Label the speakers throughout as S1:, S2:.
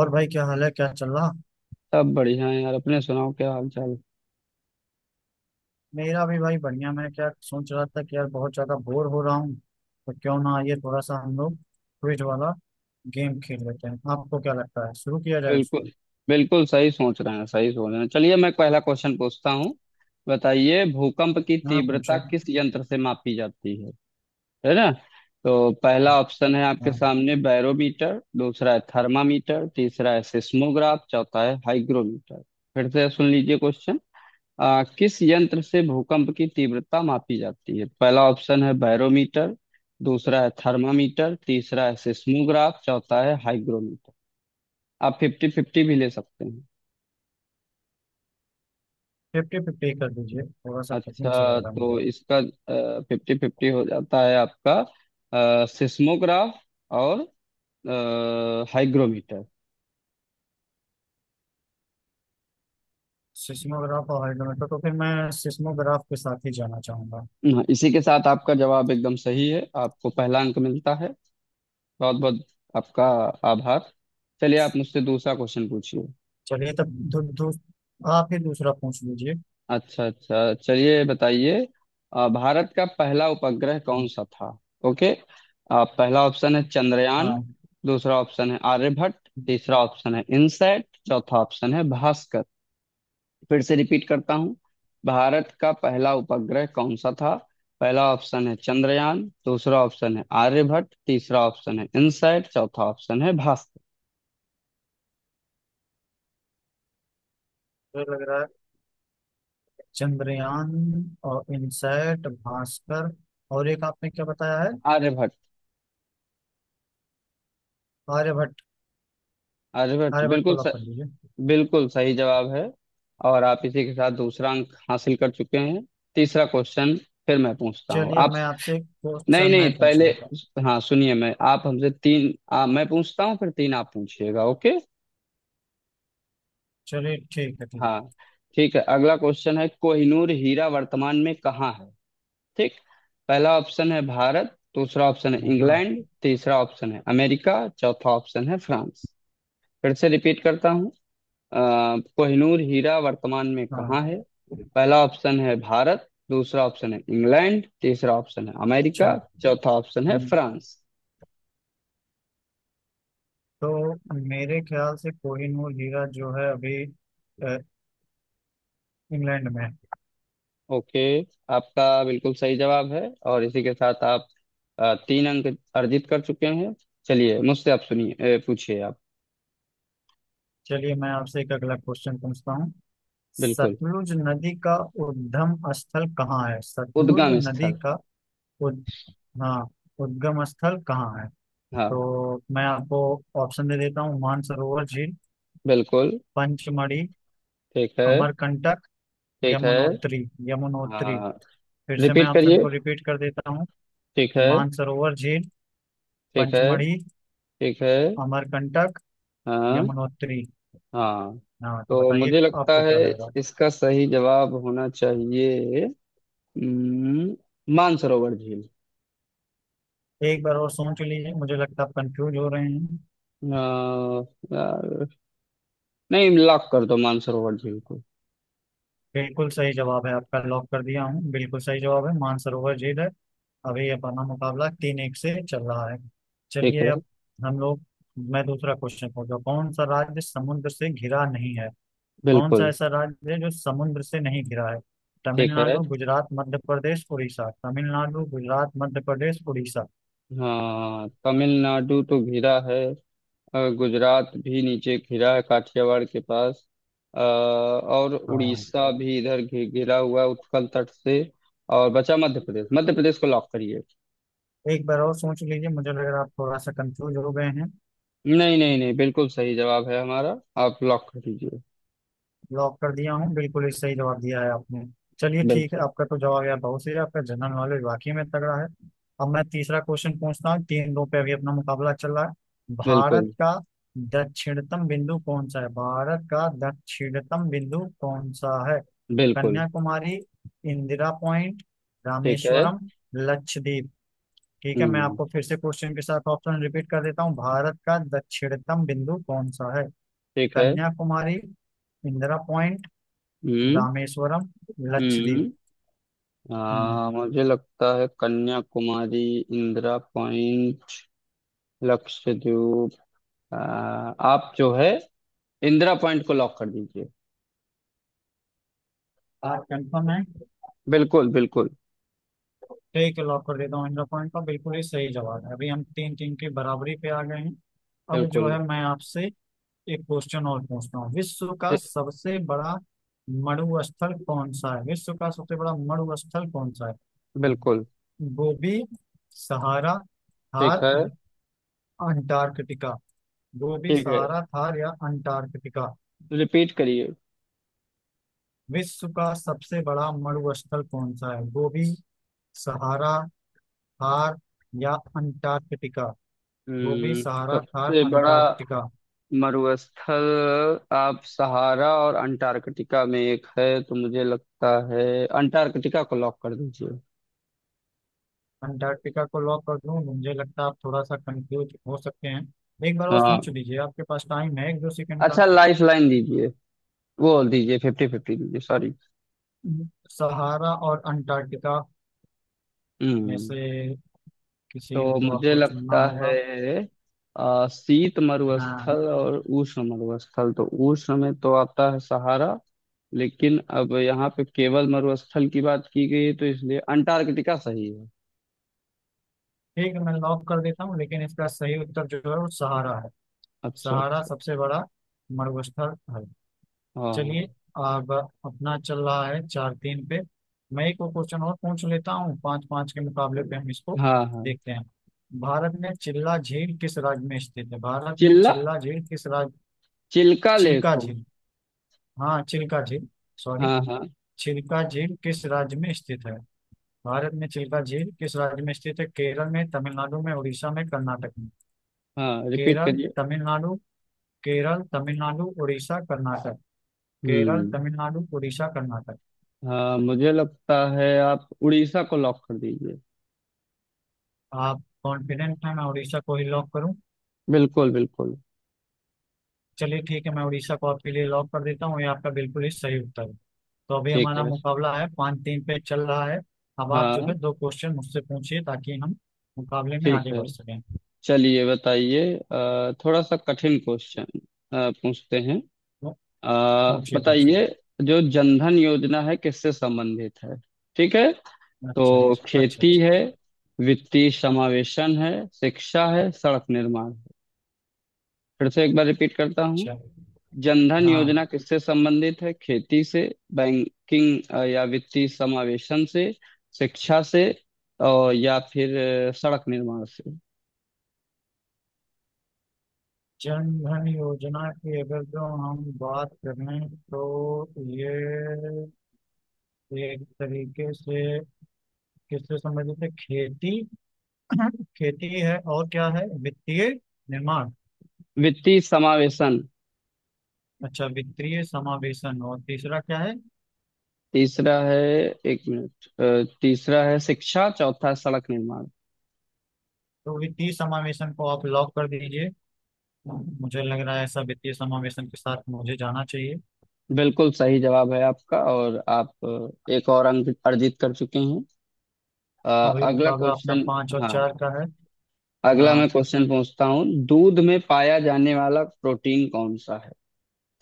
S1: और भाई क्या हाल है, क्या चल रहा।
S2: सब बढ़िया है यार। अपने सुनाओ, क्या हाल चाल?
S1: मेरा भी भाई बढ़िया। मैं क्या सोच रहा था कि यार बहुत ज्यादा बोर हो रहा हूँ, तो क्यों ना ये थोड़ा सा हम लोग क्विज वाला गेम खेल लेते हैं। आपको क्या लगता है, शुरू किया जाए उसको?
S2: बिल्कुल बिल्कुल सही सोच रहे हैं, सही सोच रहे हैं। चलिए, मैं पहला क्वेश्चन पूछता हूँ। बताइए, भूकंप की
S1: हाँ, पूछे,
S2: तीव्रता
S1: हाँ।
S2: किस यंत्र से मापी जाती है? है ना। तो पहला ऑप्शन है आपके
S1: हाँ,
S2: सामने बैरोमीटर, दूसरा है थर्मामीटर, तीसरा है सिस्मोग्राफ, चौथा है हाइग्रोमीटर। फिर से सुन लीजिए क्वेश्चन। किस यंत्र से भूकंप की तीव्रता मापी जाती है? पहला ऑप्शन है बैरोमीटर, दूसरा है थर्मामीटर, तीसरा है सिस्मोग्राफ, चौथा है हाइग्रोमीटर। आप फिफ्टी फिफ्टी भी ले सकते हैं।
S1: 50-50 कर दीजिए, थोड़ा सा कठिन सा लग
S2: अच्छा,
S1: रहा है
S2: तो
S1: मुझे।
S2: इसका फिफ्टी फिफ्टी हो जाता है आपका। सिस्मोग्राफ और आ, हाइग्रोमीटर।
S1: सिस्मोग्राफ और हाइड्रोमीटर, तो फिर मैं सिस्मोग्राफ के साथ ही जाना चाहूंगा।
S2: हाँ, इसी के साथ आपका जवाब एकदम सही है। आपको पहला अंक मिलता है। बहुत बहुत आपका आभार। चलिए, आप मुझसे दूसरा क्वेश्चन पूछिए।
S1: चलिए तब दू, दू, आप ही दूसरा पूछ लीजिए।
S2: अच्छा अच्छा, चलिए बताइए। भारत का पहला उपग्रह कौन
S1: हम्म,
S2: सा था? ओके। पहला ऑप्शन है चंद्रयान,
S1: हाँ
S2: दूसरा ऑप्शन है आर्यभट्ट,
S1: मुझे
S2: तीसरा ऑप्शन है इनसैट, चौथा ऑप्शन है भास्कर। फिर से रिपीट करता हूँ। भारत का पहला उपग्रह कौन सा था? पहला ऑप्शन है चंद्रयान, दूसरा ऑप्शन है आर्यभट्ट, तीसरा ऑप्शन है इनसैट, चौथा ऑप्शन है भास्कर।
S1: लग रहा है। चंद्रयान और इनसैट भास्कर और एक आपने क्या बताया है?
S2: आर्यभट्ट।
S1: आर्यभट्ट।
S2: आर्यभट्ट,
S1: आर्यभट्ट को
S2: बिल्कुल।
S1: लॉक कर दीजिए।
S2: बिल्कुल सही जवाब है, और आप इसी के साथ दूसरा अंक हासिल कर चुके हैं। तीसरा क्वेश्चन फिर मैं पूछता हूँ
S1: चलिए
S2: आप।
S1: मैं आपसे
S2: नहीं
S1: क्वेश्चन मैं
S2: नहीं,
S1: पूछ
S2: पहले
S1: लेता हूँ।
S2: हाँ सुनिए, मैं आप हमसे तीन मैं पूछता हूँ, फिर तीन आप पूछिएगा। ओके।
S1: चलिए ठीक है, ठीक
S2: हाँ, ठीक है। अगला क्वेश्चन है, कोहिनूर हीरा वर्तमान में कहाँ है? ठीक। पहला ऑप्शन है भारत, दूसरा ऑप्शन है
S1: है। हाँ हाँ
S2: इंग्लैंड, तीसरा ऑप्शन है अमेरिका, चौथा ऑप्शन है फ्रांस। फिर से रिपीट करता हूँ। अ, कोहिनूर हीरा वर्तमान में
S1: हाँ,
S2: कहाँ है? पहला ऑप्शन है भारत, दूसरा ऑप्शन है इंग्लैंड, तीसरा ऑप्शन है अमेरिका,
S1: अच्छा।
S2: चौथा ऑप्शन है
S1: हम्म,
S2: फ्रांस।
S1: तो मेरे ख्याल से कोहिनूर हीरा जो है अभी अ, इंग्लैंड में है।
S2: ओके, आपका बिल्कुल सही जवाब है। और इसी के साथ आप तीन अंक अर्जित कर चुके हैं। चलिए, मुझसे आप सुनिए, पूछिए आप।
S1: चलिए मैं आपसे एक अगला क्वेश्चन पूछता हूँ।
S2: बिल्कुल।
S1: सतलुज नदी का उद्गम स्थल कहाँ है? सतलुज
S2: उद्गम
S1: नदी
S2: स्थल।
S1: का उद हाँ, उद्गम स्थल कहाँ है?
S2: हाँ।
S1: तो मैं आपको ऑप्शन दे देता हूँ। मानसरोवर झील,
S2: बिल्कुल।
S1: पंचमढ़ी,
S2: ठीक है।
S1: अमरकंटक,
S2: ठीक है।
S1: यमुनोत्री। यमुनोत्री।
S2: हाँ,
S1: फिर से मैं
S2: रिपीट
S1: ऑप्शन
S2: करिए।
S1: को रिपीट कर देता हूँ।
S2: ठीक है।
S1: मानसरोवर झील,
S2: ठीक है।
S1: पंचमढ़ी,
S2: ठीक है।
S1: अमरकंटक,
S2: हाँ
S1: यमुनोत्री।
S2: हाँ।
S1: हाँ तो
S2: तो
S1: बताइए
S2: मुझे लगता
S1: आपको
S2: है
S1: क्या लग रहा
S2: इसका सही जवाब होना चाहिए हम्म, मानसरोवर झील।
S1: है। एक बार और सोच लीजिए, मुझे लगता है आप कंफ्यूज हो रहे हैं।
S2: अ, यार, नहीं, लॉक कर दो मानसरोवर झील को।
S1: बिल्कुल सही जवाब है आपका, लॉक कर दिया हूँ, बिल्कुल सही जवाब है, मानसरोवर झील है। अभी अपना मुकाबला 3-1 से चल रहा है।
S2: ठीक
S1: चलिए
S2: है।
S1: अब हम लोग, मैं दूसरा क्वेश्चन पूछता हूँ। कौन सा राज्य समुद्र से घिरा नहीं है? कौन सा
S2: बिल्कुल।
S1: ऐसा राज्य है जो समुद्र से नहीं घिरा है?
S2: ठीक है।
S1: तमिलनाडु, गुजरात, मध्य प्रदेश, उड़ीसा। तमिलनाडु, गुजरात, मध्य प्रदेश, उड़ीसा।
S2: हाँ, तमिलनाडु तो घिरा है। गुजरात भी नीचे घिरा है काठियावाड़ के पास। और
S1: हाँ,
S2: उड़ीसा भी इधर घिरा हुआ है उत्कल तट से। और बचा मध्य प्रदेश। मध्य प्रदेश को लॉक करिए।
S1: एक बार और सोच लीजिए, मुझे लग रहा है आप थोड़ा सा कंफ्यूज हो गए हैं।
S2: नहीं नहीं नहीं, बिल्कुल सही जवाब है हमारा। आप लॉक कर दीजिए।
S1: लॉक कर दिया हूँ, बिल्कुल ही सही जवाब दिया है आपने। चलिए ठीक है,
S2: बिल्कुल
S1: आपका तो जवाब यार बहुत सही है, आपका जनरल नॉलेज वाकई में तगड़ा है। अब मैं तीसरा क्वेश्चन पूछता हूँ, 3-2 पे अभी अपना मुकाबला चल रहा है। भारत
S2: बिल्कुल।
S1: का दक्षिणतम बिंदु कौन सा है? भारत का दक्षिणतम बिंदु कौन सा है?
S2: बिल्कुल।
S1: कन्याकुमारी, इंदिरा पॉइंट,
S2: ठीक है।
S1: रामेश्वरम, लक्षद्वीप। ठीक है, मैं
S2: हम्म।
S1: आपको फिर से क्वेश्चन के साथ ऑप्शन रिपीट कर देता हूँ। भारत का दक्षिणतम बिंदु कौन सा है?
S2: ठीक है।
S1: कन्याकुमारी, इंदिरा पॉइंट,
S2: हम्म।
S1: रामेश्वरम, लक्षद्वीप।
S2: हम्म।
S1: हम्म,
S2: मुझे लगता है कन्याकुमारी, इंदिरा पॉइंट, लक्षद्वीप। आ, आप जो है इंदिरा पॉइंट को लॉक कर दीजिए।
S1: बात कंफर्म है?
S2: बिल्कुल बिल्कुल।
S1: ठीक है, लॉक कर देता हूँ, इंद्र पॉइंट का बिल्कुल ही सही जवाब है। अभी हम 3-3 की बराबरी पे आ गए हैं। अब जो
S2: बिल्कुल।
S1: है मैं आपसे एक क्वेश्चन और पूछता हूँ। विश्व का
S2: ठी-
S1: सबसे बड़ा मड़ु स्थल कौन सा है? विश्व का सबसे बड़ा मड़ु स्थल कौन सा है?
S2: बिल्कुल
S1: गोबी, सहारा,
S2: ठीक
S1: थार,
S2: है।
S1: अंटार्कटिका। गोबी,
S2: ठीक है,
S1: सहारा, थार या अंटार्कटिका।
S2: रिपीट करिए।
S1: विश्व का सबसे बड़ा मरुस्थल कौन सा है? गोबी, सहारा, थार या अंटार्कटिका। गोबी,
S2: हम्म।
S1: सहारा, थार,
S2: सबसे बड़ा
S1: अंटार्कटिका।
S2: मरुस्थल। आप सहारा और अंटार्कटिका में एक है, तो मुझे लगता है अंटार्कटिका को लॉक कर दीजिए।
S1: अंटार्कटिका को लॉक कर दूं? मुझे लगता है आप थोड़ा सा कंफ्यूज हो सकते हैं। एक बार और
S2: हाँ,
S1: सोच लीजिए, आपके पास टाइम है 1-2 सेकंड का।
S2: अच्छा, लाइफ लाइन दीजिए। वो दीजिए, फिफ्टी फिफ्टी दीजिए, सॉरी।
S1: हम्म। सहारा और अंटार्कटिका में
S2: हम्म।
S1: से किसी
S2: तो
S1: को
S2: मुझे
S1: आपको चुनना
S2: लगता
S1: होगा।
S2: है शीत
S1: हाँ,
S2: मरुस्थल और उष्ण मरुस्थल, तो उष्ण में तो आता है सहारा, लेकिन अब यहाँ पे केवल मरुस्थल की बात की गई है, तो इसलिए अंटार्कटिका सही है।
S1: ठीक है, मैं लॉक कर देता हूँ, लेकिन इसका सही उत्तर जो है वो सहारा है।
S2: अच्छा
S1: सहारा
S2: अच्छा।
S1: सबसे बड़ा मरुस्थल है। चलिए
S2: हाँ।
S1: अब अपना चल रहा है 4-3 पे। मैं एक और क्वेश्चन और पूछ लेता हूँ, 5-5 के मुकाबले पे हम इसको
S2: हाँ हाँ।
S1: देखते हैं। भारत में चिल्ला झील किस राज्य में स्थित है? भारत में
S2: चिल्ला।
S1: चिल्ला झील किस राज्य।
S2: चिल्का लेक
S1: चिल्का
S2: हो।
S1: झील, हाँ चिल्का झील, सॉरी।
S2: हाँ हाँ।
S1: चिल्का झील किस राज्य में स्थित है? भारत में चिल्का झील किस राज्य में स्थित है? केरल में, तमिलनाडु में, उड़ीसा में, कर्नाटक में।
S2: हाँ, रिपीट
S1: केरल,
S2: करिए।
S1: तमिलनाडु, केरल, तमिलनाडु, उड़ीसा, कर्नाटक। केरल,
S2: हम्म।
S1: तमिलनाडु, उड़ीसा, कर्नाटक।
S2: हाँ, मुझे लगता है आप उड़ीसा को लॉक कर दीजिए।
S1: आप कॉन्फिडेंट हैं मैं उड़ीसा को ही लॉक करूं?
S2: बिल्कुल बिल्कुल।
S1: चलिए ठीक है, मैं उड़ीसा को आपके लिए लॉक कर देता हूं, ये आपका बिल्कुल ही सही उत्तर है। तो अभी
S2: ठीक
S1: हमारा
S2: है।
S1: मुकाबला है 5-3 पे चल रहा है। अब आप जो
S2: हाँ।
S1: है 2 क्वेश्चन मुझसे पूछिए ताकि हम मुकाबले में
S2: ठीक
S1: आगे
S2: है।
S1: बढ़ सकें।
S2: चलिए बताइए। थोड़ा सा कठिन क्वेश्चन पूछते हैं।
S1: तो
S2: अ,
S1: पूछिए पूछिए।
S2: बताइए, जो जनधन योजना है किससे संबंधित है? ठीक है।
S1: अच्छा,
S2: तो
S1: अच्छा, अच्छा,
S2: खेती
S1: अच्छा,
S2: है, वित्तीय समावेशन है, शिक्षा है, सड़क निर्माण है। फिर से एक बार रिपीट करता हूँ।
S1: अच्छा।
S2: जनधन
S1: हाँ,
S2: योजना किससे संबंधित है? खेती से, बैंकिंग या वित्तीय समावेशन से, शिक्षा से, और या फिर सड़क निर्माण से।
S1: जन धन योजना की अगर जो हम बात करें, तो ये एक तरीके से किससे संबंधित है? खेती, खेती है और क्या है, वित्तीय निर्माण।
S2: वित्तीय समावेशन।
S1: अच्छा, वित्तीय समावेशन, और तीसरा क्या है?
S2: तीसरा है, एक मिनट, तीसरा है शिक्षा, चौथा है सड़क निर्माण।
S1: तो वित्तीय समावेशन को आप लॉक कर दीजिए, मुझे लग रहा है ऐसा, वित्तीय समावेशन के साथ मुझे जाना चाहिए।
S2: बिल्कुल सही जवाब है आपका, और आप एक और अंक अर्जित कर चुके हैं। अ,
S1: और ये
S2: अगला
S1: मुकाबला अपना
S2: क्वेश्चन।
S1: पाँच और
S2: हाँ,
S1: चार का है।
S2: अगला
S1: हाँ,
S2: मैं क्वेश्चन पूछता हूँ। दूध में पाया जाने वाला प्रोटीन कौन सा है?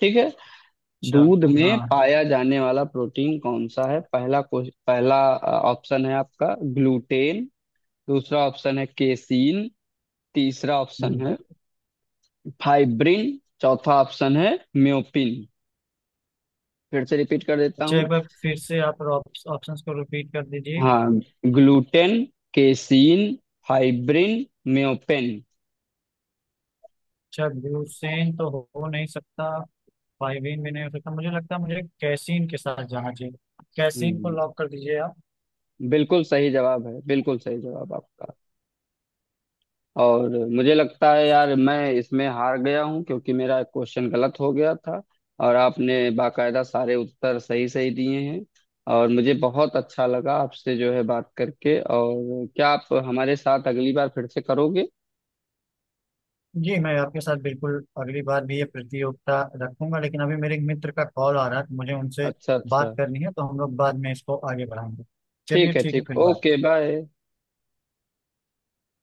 S2: ठीक है।
S1: अच्छा।
S2: दूध में
S1: हाँ।
S2: पाया जाने वाला प्रोटीन कौन सा है? पहला ऑप्शन है आपका ग्लूटेन, दूसरा ऑप्शन है केसीन, तीसरा ऑप्शन
S1: हम्म।
S2: है फाइब्रिन, चौथा ऑप्शन है म्योपिन। फिर से रिपीट कर देता
S1: अच्छा, एक
S2: हूँ।
S1: बार फिर से आप ऑप्शंस को रिपीट कर दीजिए।
S2: हाँ, ग्लूटेन, केसीन, फाइब्रिन, म्योपेन।
S1: अच्छा, ब्यूसेन तो हो नहीं सकता, फाइवीन भी नहीं हो सकता, मुझे लगता है मुझे कैसीन के साथ जाना चाहिए। कैसीन को
S2: हम्म।
S1: लॉक कर दीजिए आप।
S2: बिल्कुल सही जवाब है। बिल्कुल सही जवाब आपका। और मुझे लगता है यार मैं इसमें हार गया हूँ, क्योंकि मेरा क्वेश्चन गलत हो गया था, और आपने बाकायदा सारे उत्तर सही सही दिए हैं। और मुझे बहुत अच्छा लगा आपसे जो है बात करके। और क्या आप हमारे साथ अगली बार फिर से करोगे?
S1: जी, मैं आपके साथ बिल्कुल अगली बार भी ये प्रतियोगिता रखूंगा, लेकिन अभी मेरे एक मित्र का कॉल आ रहा है तो मुझे उनसे
S2: अच्छा अच्छा।
S1: बात करनी है, तो हम लोग बाद में इसको आगे बढ़ाएंगे। चलिए
S2: ठीक है,
S1: ठीक है,
S2: ठीक,
S1: फिर बाय।
S2: Okay, bye.